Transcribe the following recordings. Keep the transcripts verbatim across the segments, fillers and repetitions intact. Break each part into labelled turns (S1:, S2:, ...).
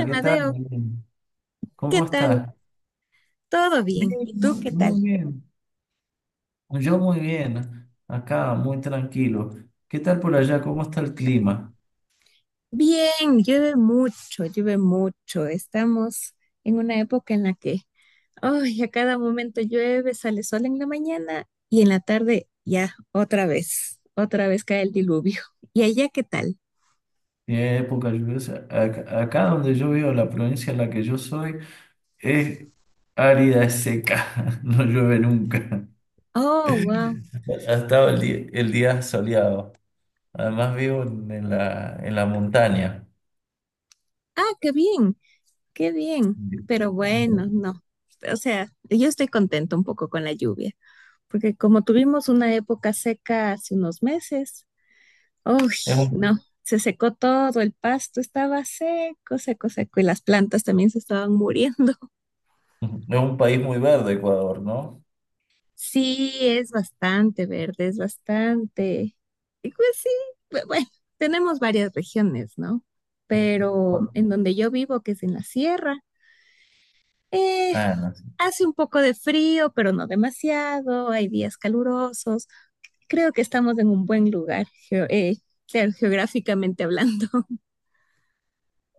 S1: Hola, ¿qué tal?
S2: Madeo, ¿qué
S1: ¿Cómo
S2: tal?
S1: estás?
S2: ¿Todo bien?
S1: Bien,
S2: ¿Y tú
S1: mu-
S2: qué tal?
S1: muy bien. Yo muy bien. Acá, muy tranquilo. ¿Qué tal por allá? ¿Cómo está el clima?
S2: Bien, llueve mucho, llueve mucho. Estamos en una época en la que, ay, a cada momento llueve, sale sol en la mañana y en la tarde ya otra vez, otra vez cae el diluvio. ¿Y allá qué tal?
S1: ¿Tiene época lluviosa? Acá, acá donde yo vivo, la provincia en la que yo soy, es árida, es seca. No llueve nunca.
S2: Oh, wow.
S1: Ha estado el día, el día soleado. Además vivo en, en la, en la montaña.
S2: Ah, qué bien, qué bien. Pero bueno, no. O sea, yo estoy contenta un poco con la lluvia, porque como tuvimos una época seca hace unos meses, uy,
S1: Es un,
S2: no, se secó todo, el pasto estaba seco, seco, seco y las plantas también se estaban muriendo.
S1: es un país muy verde, Ecuador, ¿no?
S2: Sí, es bastante verde, es bastante. Y pues sí, bu- bueno, tenemos varias regiones, ¿no? Pero en donde yo vivo, que es en la sierra, eh,
S1: Ah, no.
S2: hace un poco de frío, pero no demasiado, hay días calurosos. Creo que estamos en un buen lugar, geo- eh, claro, geográficamente hablando.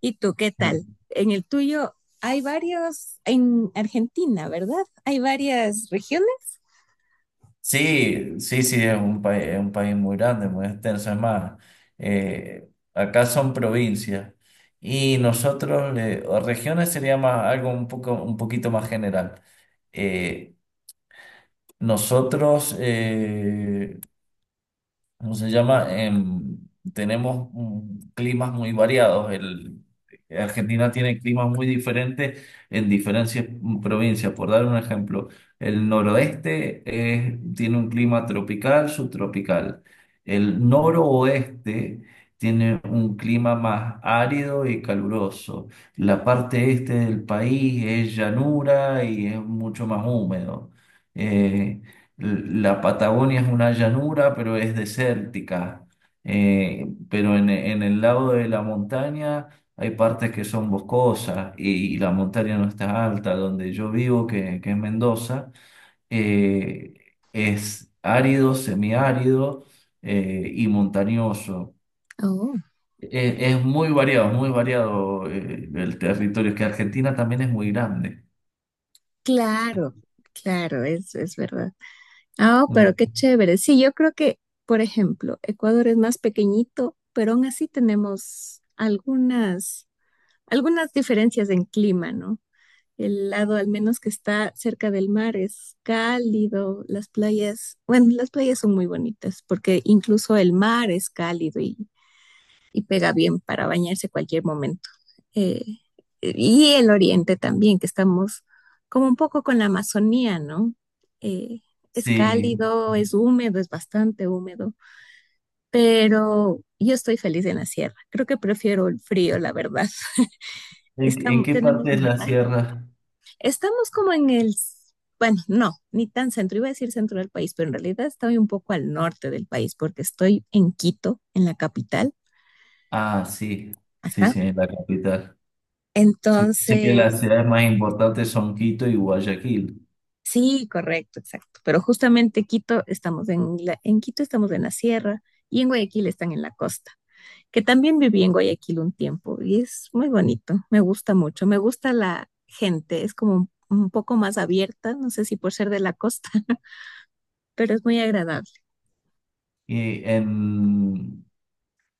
S2: ¿Y tú qué tal? En el tuyo hay varios, en Argentina, ¿verdad? Hay varias regiones.
S1: Sí, sí, sí, es un país, es un país muy grande, muy extenso. Es más, eh, acá son provincias y nosotros, le- o regiones sería más algo un poco, un poquito más general. Eh, nosotros, eh, ¿cómo se llama? Em, tenemos mm, climas muy variados. El, Argentina tiene climas muy diferentes en diferentes provincias. Por dar un ejemplo, el noroeste es- tiene un clima tropical, subtropical. El noroeste tiene un clima más árido y caluroso. La parte este del país es llanura y es mucho más húmedo. Eh, la Patagonia es una llanura, pero es desértica. Eh, pero en, en el lado de la montaña hay partes que son boscosas y, y la montaña no está alta. Donde yo vivo, que, que es Mendoza, eh, es árido, semiárido eh, y montañoso.
S2: Oh,
S1: Eh, es muy variado, es muy variado eh, el territorio, que Argentina también es muy grande.
S2: claro, claro, es, es verdad. Ah, oh, pero
S1: Mm,
S2: qué chévere. Sí, yo creo que, por ejemplo, Ecuador es más pequeñito, pero aún así tenemos algunas, algunas diferencias en clima, ¿no? El lado al menos que está cerca del mar es cálido, las playas, bueno, las playas son muy bonitas porque incluso el mar es cálido y y pega bien para bañarse cualquier momento. Eh, y el oriente también, que estamos como un poco con la Amazonía, ¿no? Eh, es
S1: Sí.
S2: cálido, es húmedo, es bastante húmedo, pero yo estoy feliz en la sierra. Creo que prefiero el frío, la verdad.
S1: ¿En, en
S2: Estamos,
S1: qué
S2: tenemos
S1: parte es la
S2: montaña.
S1: sierra?
S2: Estamos como en el, bueno, no, ni tan centro, iba a decir centro del país, pero en realidad estoy un poco al norte del país porque estoy en Quito, en la capital.
S1: Ah, sí, sí,
S2: Ajá.
S1: sí, en la capital. Sí, sé que las
S2: Entonces,
S1: ciudades más importantes son Quito y Guayaquil.
S2: sí, correcto, exacto. Pero justamente Quito estamos en la- en Quito estamos en la sierra y en Guayaquil están en la costa. Que también viví en Guayaquil un tiempo y es muy bonito. Me gusta mucho. Me gusta la gente. Es como un, un poco más abierta. No sé si por ser de la costa, pero es muy agradable.
S1: Y en,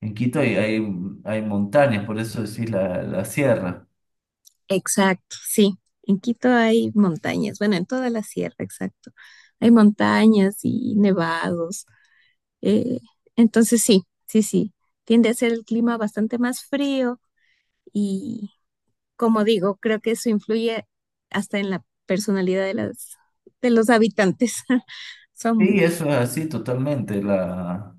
S1: en Quito hay, hay, hay montañas, por eso decís la, la sierra.
S2: Exacto, sí. En Quito hay montañas. Bueno, en toda la sierra, exacto. Hay montañas y nevados. eh, entonces sí, sí, sí. Tiende a ser el clima bastante más frío. Y como digo, creo que eso influye hasta en la personalidad de, las, de los habitantes.
S1: Sí,
S2: ¿Son
S1: eso es así totalmente. La,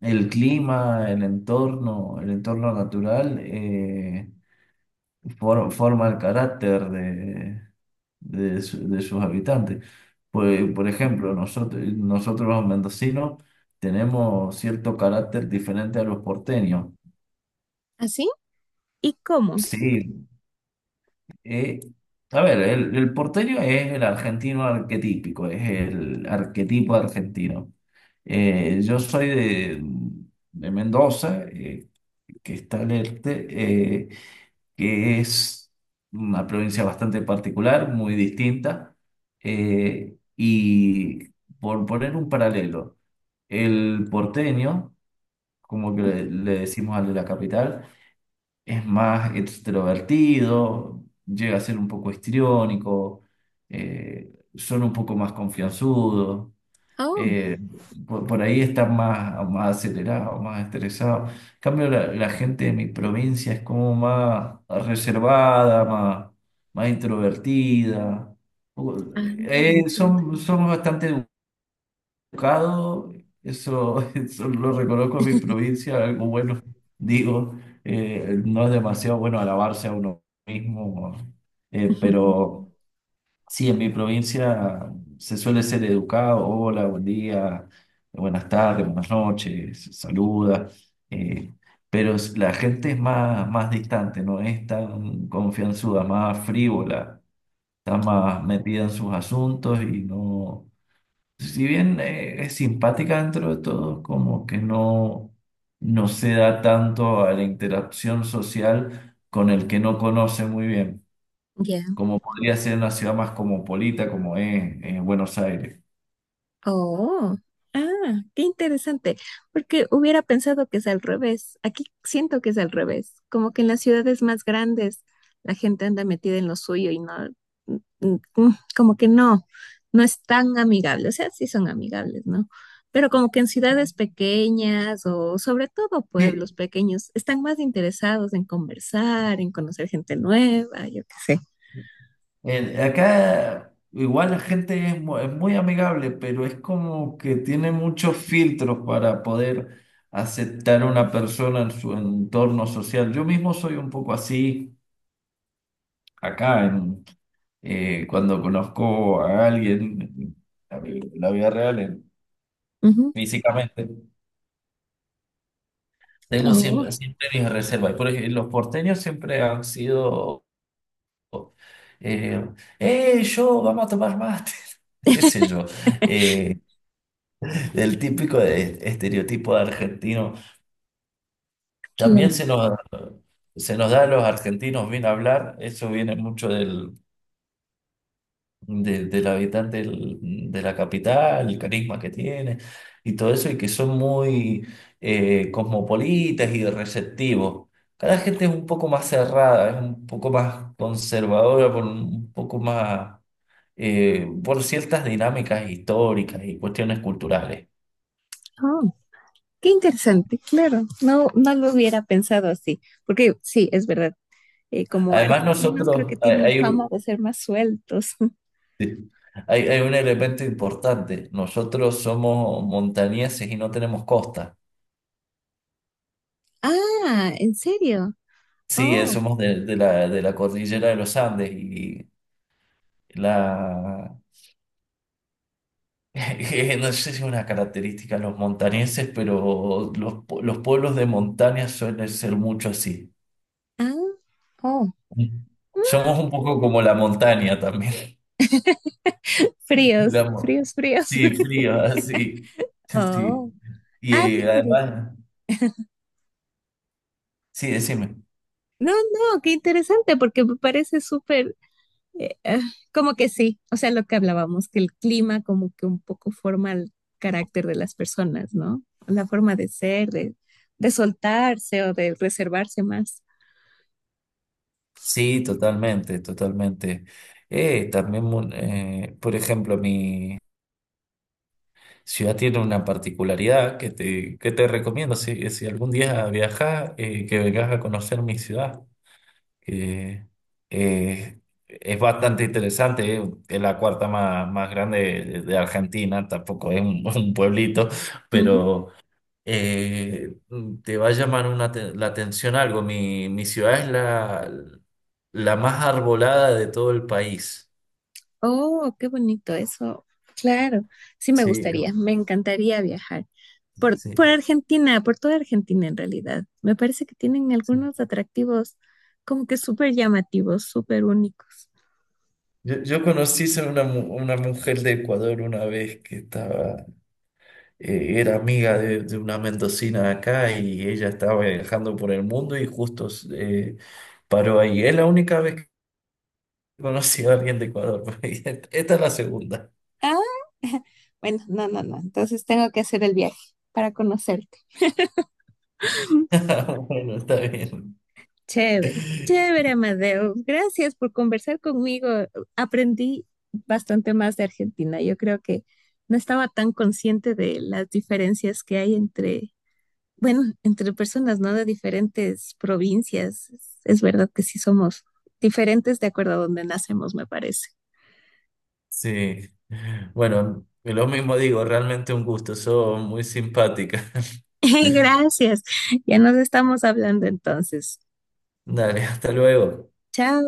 S1: el clima, el entorno, el entorno natural. eh, for- forma el carácter de, de, su- de sus habitantes. Pues, por ejemplo, nosotros, nosotros los mendocinos tenemos cierto carácter diferente a los porteños.
S2: así? ¿Y cómo?
S1: Sí, eh, a ver, el, el porteño es el argentino arquetípico, es el arquetipo argentino. Eh, yo soy de, de Mendoza, eh, que está al este, eh, que es una provincia bastante particular, muy distinta. Eh, y por poner un paralelo, el porteño, como que le,
S2: Ujú.
S1: le decimos al de la capital, es más extrovertido, llega a ser un poco histriónico, eh, son un poco más confianzudos,
S2: Oh,
S1: eh, por, por ahí están más, más acelerados, más estresados. En cambio, la, la gente de mi provincia es como más reservada, más, más introvertida. U-
S2: ah,
S1: eh,
S2: entiendo.
S1: son, somos bastante educados, eso, eso lo reconozco en mi provincia, algo bueno, digo, eh, no es demasiado bueno alabarse a uno mismo, eh, pero... Sí, en mi provincia se suele ser educado, hola, buen día, buenas tardes, buenas noches, saluda, eh, pero es- la gente es más, más distante, no es tan confianzuda, más frívola, está más metida en sus asuntos y no, si bien eh, es simpática dentro de todo, como que no, no se da tanto a la interacción social con el que no conoce muy bien,
S2: Ya.
S1: como podría ser una ciudad más cosmopolita como es eh, Buenos Aires.
S2: Oh, ah, qué interesante, porque hubiera pensado que es al revés. Aquí siento que es al revés, como que en las ciudades más grandes la gente anda metida en lo suyo y no, mm, mm, mm, como que no, no es tan amigable. O sea, sí son amigables, ¿no? Pero como que en ciudades pequeñas o sobre todo
S1: Sí,
S2: pueblos pequeños están más interesados en conversar, en conocer gente nueva, yo qué sé.
S1: el- acá igual la gente es, mu- es muy amigable, pero es como que tiene muchos filtros para poder aceptar a una persona en su entorno social. Yo mismo soy un poco así acá, en, eh, cuando conozco a alguien, la, vi- la vida real, en-
S2: Ujú.
S1: físicamente. Tengo
S2: Oh,
S1: siempre, siempre mis reservas. Por ejemplo, los porteños siempre han sido. Eh, "Eh, yo, vamos a tomar mate. Qué sé yo, eh, el típico de- estereotipo de argentino. También
S2: claro.
S1: se nos, se nos da a los argentinos bien hablar, eso viene mucho del, de- del habitante del- de la capital, el carisma que tiene y todo eso, y que son muy eh, cosmopolitas y receptivos. Cada gente es un poco más cerrada, es un poco más conservadora, por un poco más eh, por ciertas dinámicas históricas y cuestiones culturales.
S2: Oh, qué interesante, claro. No, no lo hubiera pensado así, porque sí, es verdad. Eh, como
S1: Además,
S2: argentinos creo que
S1: nosotros, hay,
S2: tienen
S1: hay
S2: fama
S1: un
S2: de ser más sueltos.
S1: sí, hay- hay un elemento importante, nosotros somos montañeses y no tenemos costa.
S2: Ah, ¿en serio?
S1: Sí, eh,
S2: Oh,
S1: somos de, de la, de la cordillera de los Andes y la... No sé si es una característica de los montañeses, pero los, pu- los pueblos de montaña suelen ser mucho así.
S2: ah, oh. Mm,
S1: Somos un poco como la montaña también.
S2: fríos,
S1: La mo-
S2: fríos, fríos.
S1: sí, frío, así. Sí. Sí.
S2: Oh,
S1: Y
S2: ah, qué
S1: eh,
S2: interesante.
S1: además, sí, decime.
S2: No, no, qué interesante, porque me parece súper, eh, ah, como que sí, o sea, lo que hablábamos, que el clima como que un poco forma el carácter de las personas, ¿no? La forma de ser, de, de soltarse o de reservarse más.
S1: Sí, totalmente, totalmente. Eh, también, mu- eh, por ejemplo, mi... Ciudad tiene una particularidad que te, que te recomiendo si, si algún día viajas, eh, que vengas a conocer mi ciudad, que eh, es bastante interesante, eh, es la cuarta más, más grande de, de Argentina, tampoco es un, un pueblito,
S2: Ujú.
S1: pero eh, te va a llamar una te- la atención algo. Mi, mi ciudad es la, la más arbolada de todo el país.
S2: Oh, qué bonito eso. Claro, sí me
S1: Sí,
S2: gustaría, me encantaría viajar por,
S1: sí.
S2: por Argentina, por toda Argentina en realidad. Me parece que tienen
S1: Sí.
S2: algunos atractivos como que súper llamativos, súper únicos.
S1: Yo, yo conocí a una, mu- una mujer de Ecuador una vez que estaba, eh, era amiga de, de una mendocina acá y ella estaba viajando por el mundo y justo eh, paró ahí. Es la única vez que conocí a alguien de Ecuador. Esta es la segunda.
S2: Ah, bueno, no, no, no. Entonces tengo que hacer el viaje para conocerte.
S1: Bueno, está bien.
S2: Chévere, chévere, Amadeo. Gracias por conversar conmigo. Aprendí bastante más de Argentina. Yo creo que no estaba tan consciente de las diferencias que hay entre, bueno, entre personas, ¿no? De diferentes provincias. Es, es verdad que sí somos diferentes de acuerdo a donde nacemos, me parece.
S1: Sí. Bueno, lo mismo digo, realmente un gusto. Sos muy simpática.
S2: Gracias. Ya nos estamos hablando entonces.
S1: Dale, hasta luego.
S2: Chao.